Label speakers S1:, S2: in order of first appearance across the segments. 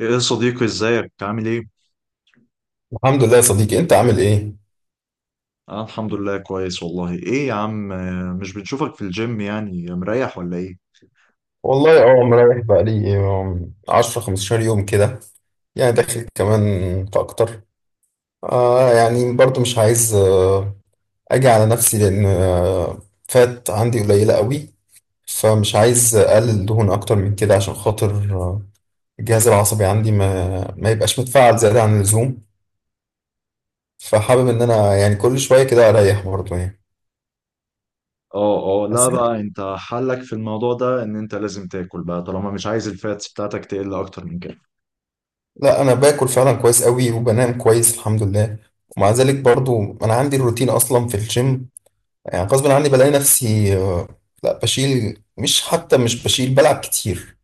S1: ايه يا صديقي ازيك عامل ايه؟
S2: الحمد لله يا صديقي، انت عامل ايه؟
S1: انا الحمد لله كويس والله ايه يا عم مش بنشوفك في الجيم يعني مريح ولا ايه؟
S2: والله اه، مريح بقالي 10 15 يوم كده، يعني داخل كمان في اكتر. يعني برضو مش عايز اجي على نفسي، لان فات عندي قليلة قوي، فمش عايز اقلل دهون اكتر من كده عشان خاطر آه، الجهاز العصبي عندي ما يبقاش متفاعل زيادة عن اللزوم. فحابب ان انا يعني كل شوية كده اريح برضو يعني.
S1: اه اه لا
S2: بس
S1: بقى انت حلك في الموضوع ده ان انت لازم تاكل بقى طالما مش عايز الفاتس بتاعتك تقل اكتر من كده.
S2: لا، انا باكل فعلا كويس قوي، وبنام كويس الحمد لله. ومع ذلك برضو انا عندي الروتين اصلا في الجيم، يعني غصب عني بلاقي نفسي لا بشيل، مش حتى مش بشيل، بلعب كتير.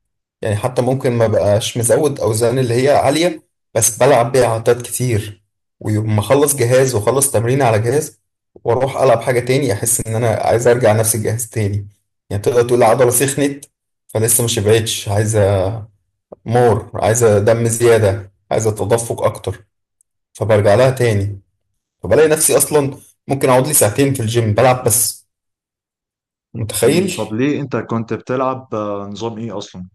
S2: يعني حتى ممكن ما بقاش مزود اوزان اللي هي عالية، بس بلعب بيها عدات كتير. ويوم ما اخلص جهاز واخلص تمرين على جهاز، واروح العب حاجة تاني، احس ان انا عايز ارجع نفس الجهاز تاني، يعني تقدر تقول العضلة سخنت، فلسه ما شبعتش، عايز مور، عايزة دم زيادة، عايزة تدفق أكتر، فبرجع لها تاني. فبلاقي نفسي أصلا ممكن أقعد لي ساعتين في الجيم بلعب بس،
S1: مم، طب
S2: متخيل.
S1: ليه انت كنت بتلعب نظام ايه اصلا؟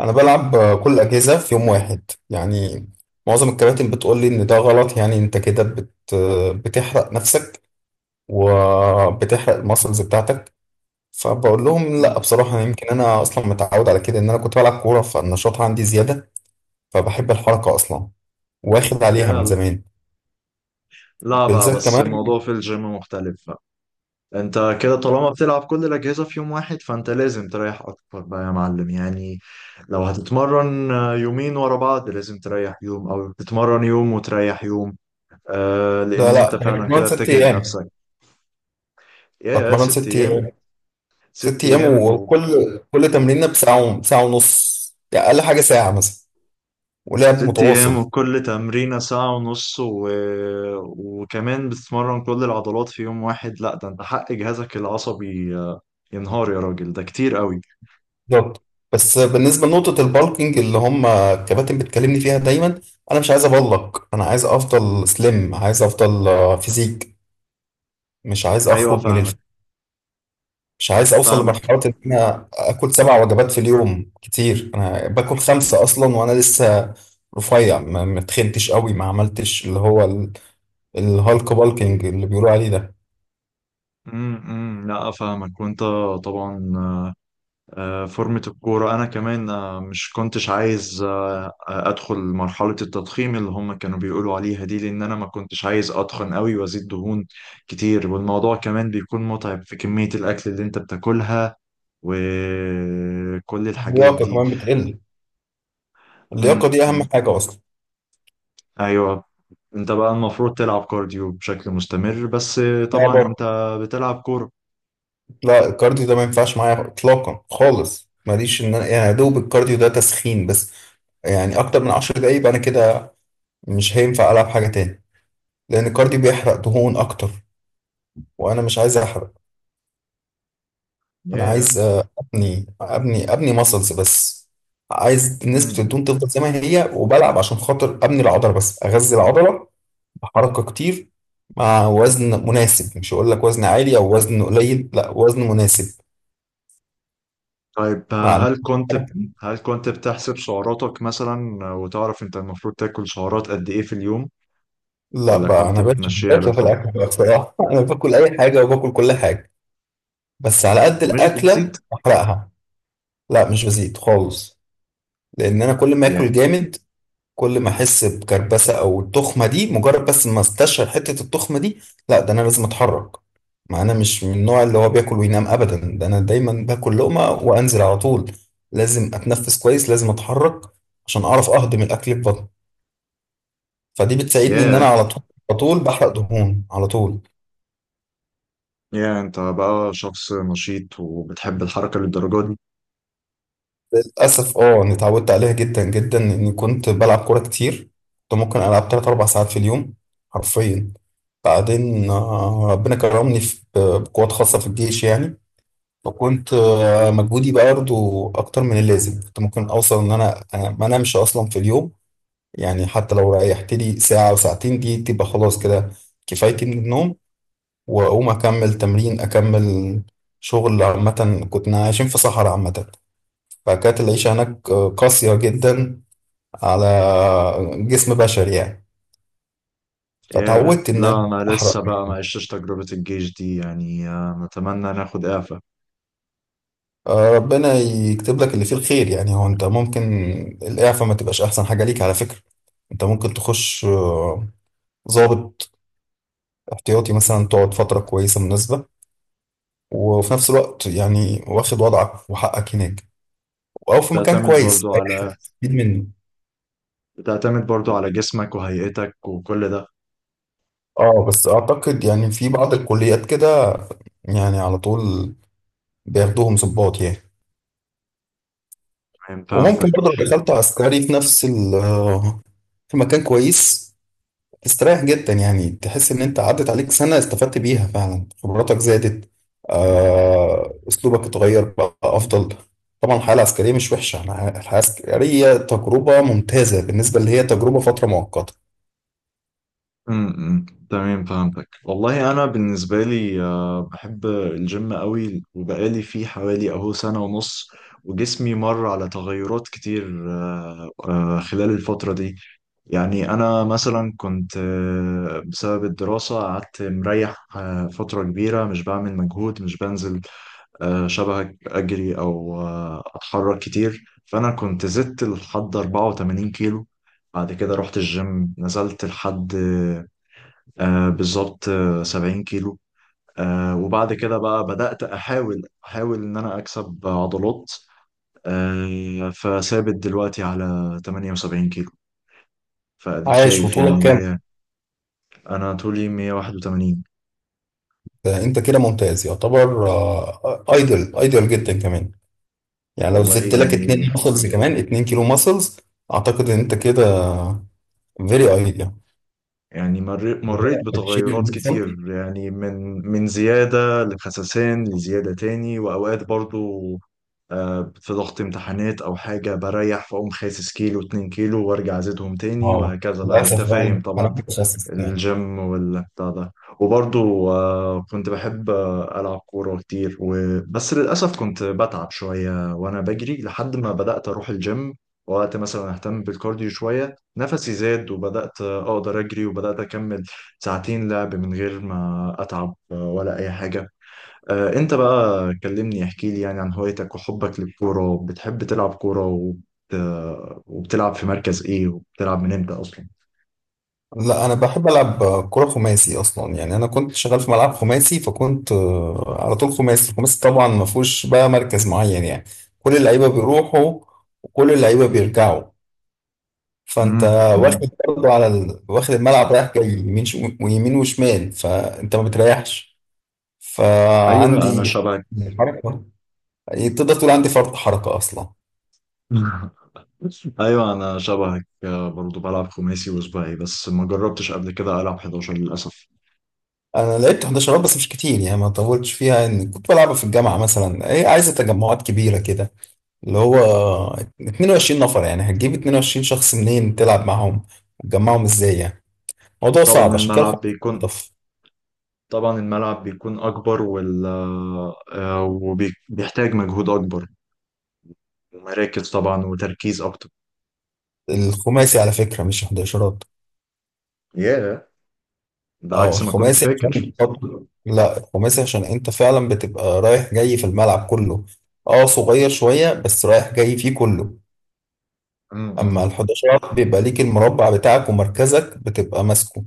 S2: أنا بلعب كل الأجهزة في يوم واحد يعني. معظم الكباتن بتقول لي إن ده غلط، يعني أنت كده بت... آه، بتحرق نفسك وبتحرق الماسلز بتاعتك. فبقول لهم لا،
S1: مم.
S2: بصراحة يمكن أنا أصلا متعود على كده، إن أنا كنت بلعب كورة فالنشاط عندي زيادة. فبحب الحركة أصلا، واخد عليها من
S1: يا
S2: زمان،
S1: لا بقى
S2: بالذات
S1: بس
S2: كمان.
S1: الموضوع في الجيم مختلف. انت كده طالما بتلعب كل الاجهزه في يوم واحد فانت لازم تريح اكتر بقى يا معلم يعني. لو هتتمرن يومين ورا بعض لازم تريح يوم او تتمرن يوم وتريح يوم. آه
S2: لا
S1: لان انت
S2: لا، انا
S1: فعلا
S2: بتمرن
S1: كده
S2: ست
S1: بتجهد
S2: ايام،
S1: نفسك. يا
S2: بتمرن
S1: ست
S2: ست
S1: ايام.
S2: ايام. ست
S1: ست
S2: ايام،
S1: ايام و
S2: وكل تمرينه بساعه، ساعه ونص، يعني اقل حاجه ساعه مثلا، ولعب
S1: ست ايام
S2: متواصل.
S1: وكل تمرينه ساعه ونص و وكمان بتتمرن كل العضلات في يوم واحد. لا ده انت حق جهازك العصبي ينهار يا راجل، ده كتير قوي.
S2: بالظبط. بس بالنسبه لنقطه البالكينج اللي هم الكباتن بتكلمني فيها دايما، انا مش عايز ابلك، انا عايز افضل سليم، عايز افضل فيزيك. مش عايز
S1: ايوه
S2: اخرج من الف...
S1: فاهمك.
S2: مش عايز اوصل
S1: فاهمك.
S2: لمرحله ان انا اكل سبع وجبات في اليوم، كتير. انا باكل خمسه اصلا وانا لسه رفيع، ما تخنتش قوي، ما عملتش اللي هو الهالك بالكينج اللي بيقولوا عليه ده.
S1: لا افهمك وانت طبعا. فورمة الكورة انا كمان مش كنتش عايز ادخل مرحلة التضخيم اللي هم كانوا بيقولوا عليها دي، لان انا ما كنتش عايز اتخن قوي وازيد دهون كتير، والموضوع كمان بيكون متعب في كمية الاكل اللي انت بتاكلها وكل الحاجات
S2: اللياقه
S1: دي.
S2: كمان بتقل،
S1: امم.
S2: اللياقه دي اهم
S1: أمم.
S2: حاجه اصلا.
S1: ايوه، انت بقى المفروض تلعب كارديو بشكل مستمر بس
S2: لا
S1: طبعا
S2: بره.
S1: انت بتلعب كورة.
S2: لا، الكارديو ده ما ينفعش معايا اطلاقا خالص، ماليش ان انا، يعني يا دوب الكارديو ده تسخين بس، يعني اكتر من 10 دقايق انا كده مش هينفع العب حاجه تاني، لان الكارديو بيحرق دهون اكتر، وانا مش عايز احرق. انا
S1: ياه.
S2: عايز ابني ماسلز بس، عايز نسبه الدهون تفضل زي ما هي، وبلعب عشان خاطر ابني العضله بس، اغذي العضله، حركة كتير مع وزن مناسب، مش هقول لك وزن عالي او وزن قليل، لا وزن مناسب
S1: طيب
S2: مع حركة.
S1: هل كنت بتحسب سعراتك مثلا وتعرف انت المفروض تاكل سعرات قد ايه في اليوم؟
S2: لا
S1: ولا
S2: بقى،
S1: كنت
S2: انا بقتش
S1: بتمشيها
S2: بقتش في
S1: بالحب
S2: الاكل بقى بصراحة انا باكل اي حاجة وباكل كل حاجة، بس على قد
S1: ومش
S2: الاكلة
S1: بتزيد؟
S2: احرقها. لا مش بزيد خالص، لان انا كل ما
S1: يعني
S2: اكل جامد، كل ما احس بكربسه او التخمه دي، مجرد بس ما استشعر حته التخمه دي، لا ده انا لازم اتحرك. ما انا مش من النوع اللي هو بياكل وينام ابدا، ده انا دايما باكل لقمه وانزل على طول. لازم اتنفس كويس، لازم اتحرك عشان اعرف اهضم الاكل في بطني، فدي بتساعدني ان انا
S1: يا
S2: على طول، على طول بحرق دهون على طول.
S1: انت بقى شخص نشيط وبتحب الحركة للدرجة دي.
S2: للاسف اه، انا اتعودت عليها جدا جدا، اني كنت بلعب كوره كتير، كنت ممكن العب 3 4 ساعات في اليوم حرفيا. بعدين ربنا كرمني في بقوات خاصة في الجيش يعني، فكنت مجهودي بقى برضه أكتر من اللازم، كنت ممكن أوصل إن أنا ما أنامش أصلا في اليوم، يعني حتى لو ريحت لي ساعة أو ساعتين، دي تبقى خلاص كده كفايتي من النوم، وأقوم أكمل تمرين، أكمل شغل. عامة كنا عايشين في صحراء، عامة فكانت العيشة هناك قاسية جدا على جسم بشري يعني،
S1: يا
S2: فتعودت إن
S1: لا،
S2: أنا
S1: انا
S2: أحرق.
S1: لسه بقى ما عشتش تجربة الجيش دي يعني، نتمنى ناخد اعفاء.
S2: ربنا يكتب لك اللي فيه الخير. يعني هو انت ممكن الاعفاء ما تبقاش احسن حاجه ليك على فكره، انت ممكن تخش ضابط احتياطي مثلا، تقعد فتره كويسه مناسبه، وفي نفس الوقت يعني واخد وضعك وحقك هناك، او في مكان
S1: بتعتمد
S2: كويس
S1: برضو
S2: اي
S1: على
S2: حاجه تستفيد منه.
S1: بتعتمد برضو على جسمك وهيئتك وكل ده.
S2: اه بس اعتقد يعني في بعض الكليات كده، يعني على طول بياخدوهم ضباط يعني.
S1: فهمتك.
S2: وممكن برضه لو دخلت عسكري في نفس ال آه، في مكان كويس، استريح جدا، يعني تحس ان انت عدت عليك سنة استفدت بيها فعلا، خبراتك زادت، اسلوبك اتغير بقى افضل. طبعا الحياة العسكرية مش وحشة، أنا الحياة العسكرية تجربة ممتازة، بالنسبة اللي هي تجربة فترة مؤقتة.
S1: امم، تمام، فهمتك والله. انا بالنسبه لي بحب الجيم قوي، وبقالي فيه حوالي اهو سنه ونص، وجسمي مر على تغيرات كتير خلال الفتره دي. يعني انا مثلا كنت بسبب الدراسه قعدت مريح فتره كبيره مش بعمل مجهود، مش بنزل شبهك اجري او اتحرك كتير، فانا كنت زدت لحد 84 كيلو. بعد كده رحت الجيم نزلت لحد بالظبط آه 70 كيلو. آه وبعد كده بقى بدأت أحاول إن أنا أكسب عضلات فثابت دلوقتي على 78 كيلو. فأديك
S2: عايش،
S1: شايف يعني
S2: وطولك كام؟
S1: ليه. أنا طولي 181.
S2: انت كده ممتاز يعتبر، ايدل ايدل جدا كمان. يعني لو
S1: والله
S2: زدت لك
S1: يعني.
S2: اتنين ماسلز، كمان اتنين كيلو ماسلز، اعتقد ان انت كده فيري ايدل،
S1: يعني مريت
S2: بتشيل ال
S1: بتغيرات
S2: 100 سم
S1: كتير يعني، من من زيادة لخسسان لزيادة تاني. وأوقات برضو في ضغط امتحانات او حاجه بريح، فاقوم خاسس كيلو اتنين كيلو وارجع ازيدهم تاني
S2: اه،
S1: وهكذا بقى، يعني انت
S2: للاسف
S1: فاهم
S2: بقى انا
S1: طبعا
S2: متخصص.
S1: الجيم والبتاع ده. وبرضو كنت بحب العب كوره كتير و بس للاسف كنت بتعب شويه وانا بجري لحد ما بدات اروح الجيم، وقت مثلا اهتم بالكارديو شويه نفسي زاد وبدات اقدر اجري وبدات اكمل ساعتين لعب من غير ما اتعب ولا اي حاجه. انت بقى كلمني احكي لي يعني عن هوايتك وحبك للكورة. بتحب تلعب كورة وبت وبتلعب في مركز ايه وبتلعب من امتى اصلا؟
S2: لا انا بحب العب كرة خماسي اصلا، يعني انا كنت شغال في ملعب خماسي، فكنت على طول خماسي. الخماسي طبعا ما فيهوش بقى مركز معين يعني، كل اللعيبة بيروحوا، وكل اللعيبة بيرجعوا، فانت
S1: امم. امم.
S2: واخد برضه على ال... واخد الملعب رايح جاي، يمين ويمين وشمال، فانت ما بتريحش،
S1: ايوه، انا
S2: فعندي
S1: شبهك.
S2: حركة، يعني تقدر تقول عندي فرط حركة اصلا.
S1: ايوه انا شبهك برضو بلعب خماسي وسباعي بس ما جربتش قبل كده العب 11 للاسف.
S2: انا لعبت 11 بس مش كتير، يعني ما طولتش فيها، ان كنت بلعبها في الجامعة مثلا، ايه عايزة تجمعات كبيرة كده، اللي هو 22 نفر، يعني هتجيب 22 شخص منين تلعب معاهم، وتجمعهم ازاي يعني؟ موضوع
S1: طبعا
S2: صعب، عشان كده
S1: الملعب
S2: الخماسي
S1: بيكون
S2: ألطف.
S1: طبعا الملعب بيكون اكبر وال آه، وبيحتاج مجهود اكبر، ومراكز طبعا، وتركيز اكتر.
S2: الخماسي على فكرة مش 11.
S1: ياه، ده
S2: اه
S1: عكس ما كنت
S2: الخماسي
S1: فاكر.
S2: عشان لا، الخماسي عشان انت فعلا بتبقى رايح جاي في الملعب كله، اه صغير شوية بس رايح جاي فيه كله، اما
S1: امم.
S2: ال 11 بيبقى ليك المربع بتاعك ومركزك بتبقى ماسكه،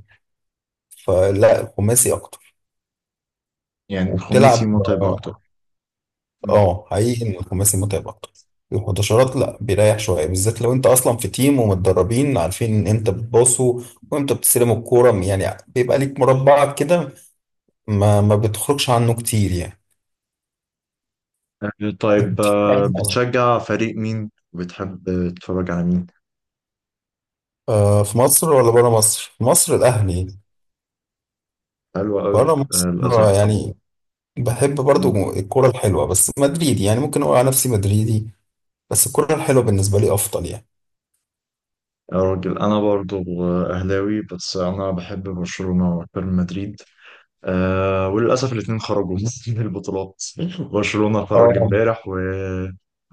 S2: فلا الخماسي اكتر
S1: يعني الخماسي
S2: وبتلعب.
S1: متعب أكتر. مم.
S2: اه حقيقي ان الخماسي متعب اكتر. الحداشرات لا بيريح شويه، بالذات لو انت اصلا في تيم ومتدربين عارفين امتى بتباصوا وامتى بتستلموا الكوره، يعني بيبقى ليك مربعك كده، ما بتخرجش عنه كتير يعني. انت
S1: طيب
S2: بتحب عنه اصلا؟
S1: بتشجع فريق مين وبتحب تتفرج على مين؟
S2: في مصر ولا بره مصر؟ في مصر الاهلي.
S1: حلوة
S2: بره
S1: قوي.
S2: مصر
S1: للأسف.
S2: يعني بحب
S1: مم.
S2: برضو الكوره الحلوه، بس مدريدي، يعني ممكن اقول على نفسي مدريدي، بس الكوره الحلوه بالنسبه لي افضل يعني.
S1: يا راجل أنا برضو أهلاوي، بس أنا بحب برشلونة وأكتر من مدريد. أه، وللأسف الاتنين خرجوا من البطولات. برشلونة
S2: اه
S1: خرج امبارح،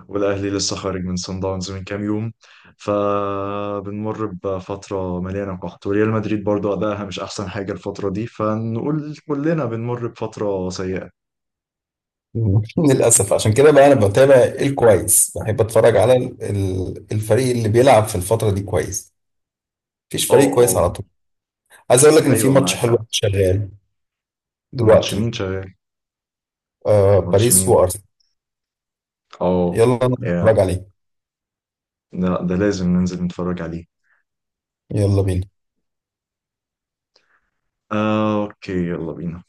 S1: والأهلي لسه خارج من صن داونز من كام يوم، فبنمر بفترة مليانة قحط. وريال مدريد برضو أدائها مش أحسن حاجة الفترة دي، فنقول كلنا بنمر بفترة سيئة.
S2: للأسف عشان كده بقى أنا بتابع الكويس، بحب أتفرج على الفريق اللي بيلعب في الفترة دي كويس، مفيش
S1: اه
S2: فريق كويس
S1: اه.
S2: على طول. عايز أقول لك إن في
S1: أيوة
S2: ماتش
S1: معاك
S2: حلو
S1: حق.
S2: شغال
S1: ماتش
S2: دلوقتي،
S1: مين شغال؟
S2: آه،
S1: ماتش
S2: باريس
S1: مين؟
S2: وأرسنال،
S1: اه.
S2: يلا
S1: يا،
S2: نتفرج عليه،
S1: ده لازم ننزل نتفرج عليه.
S2: يلا بينا.
S1: أوكي، يلا بينا.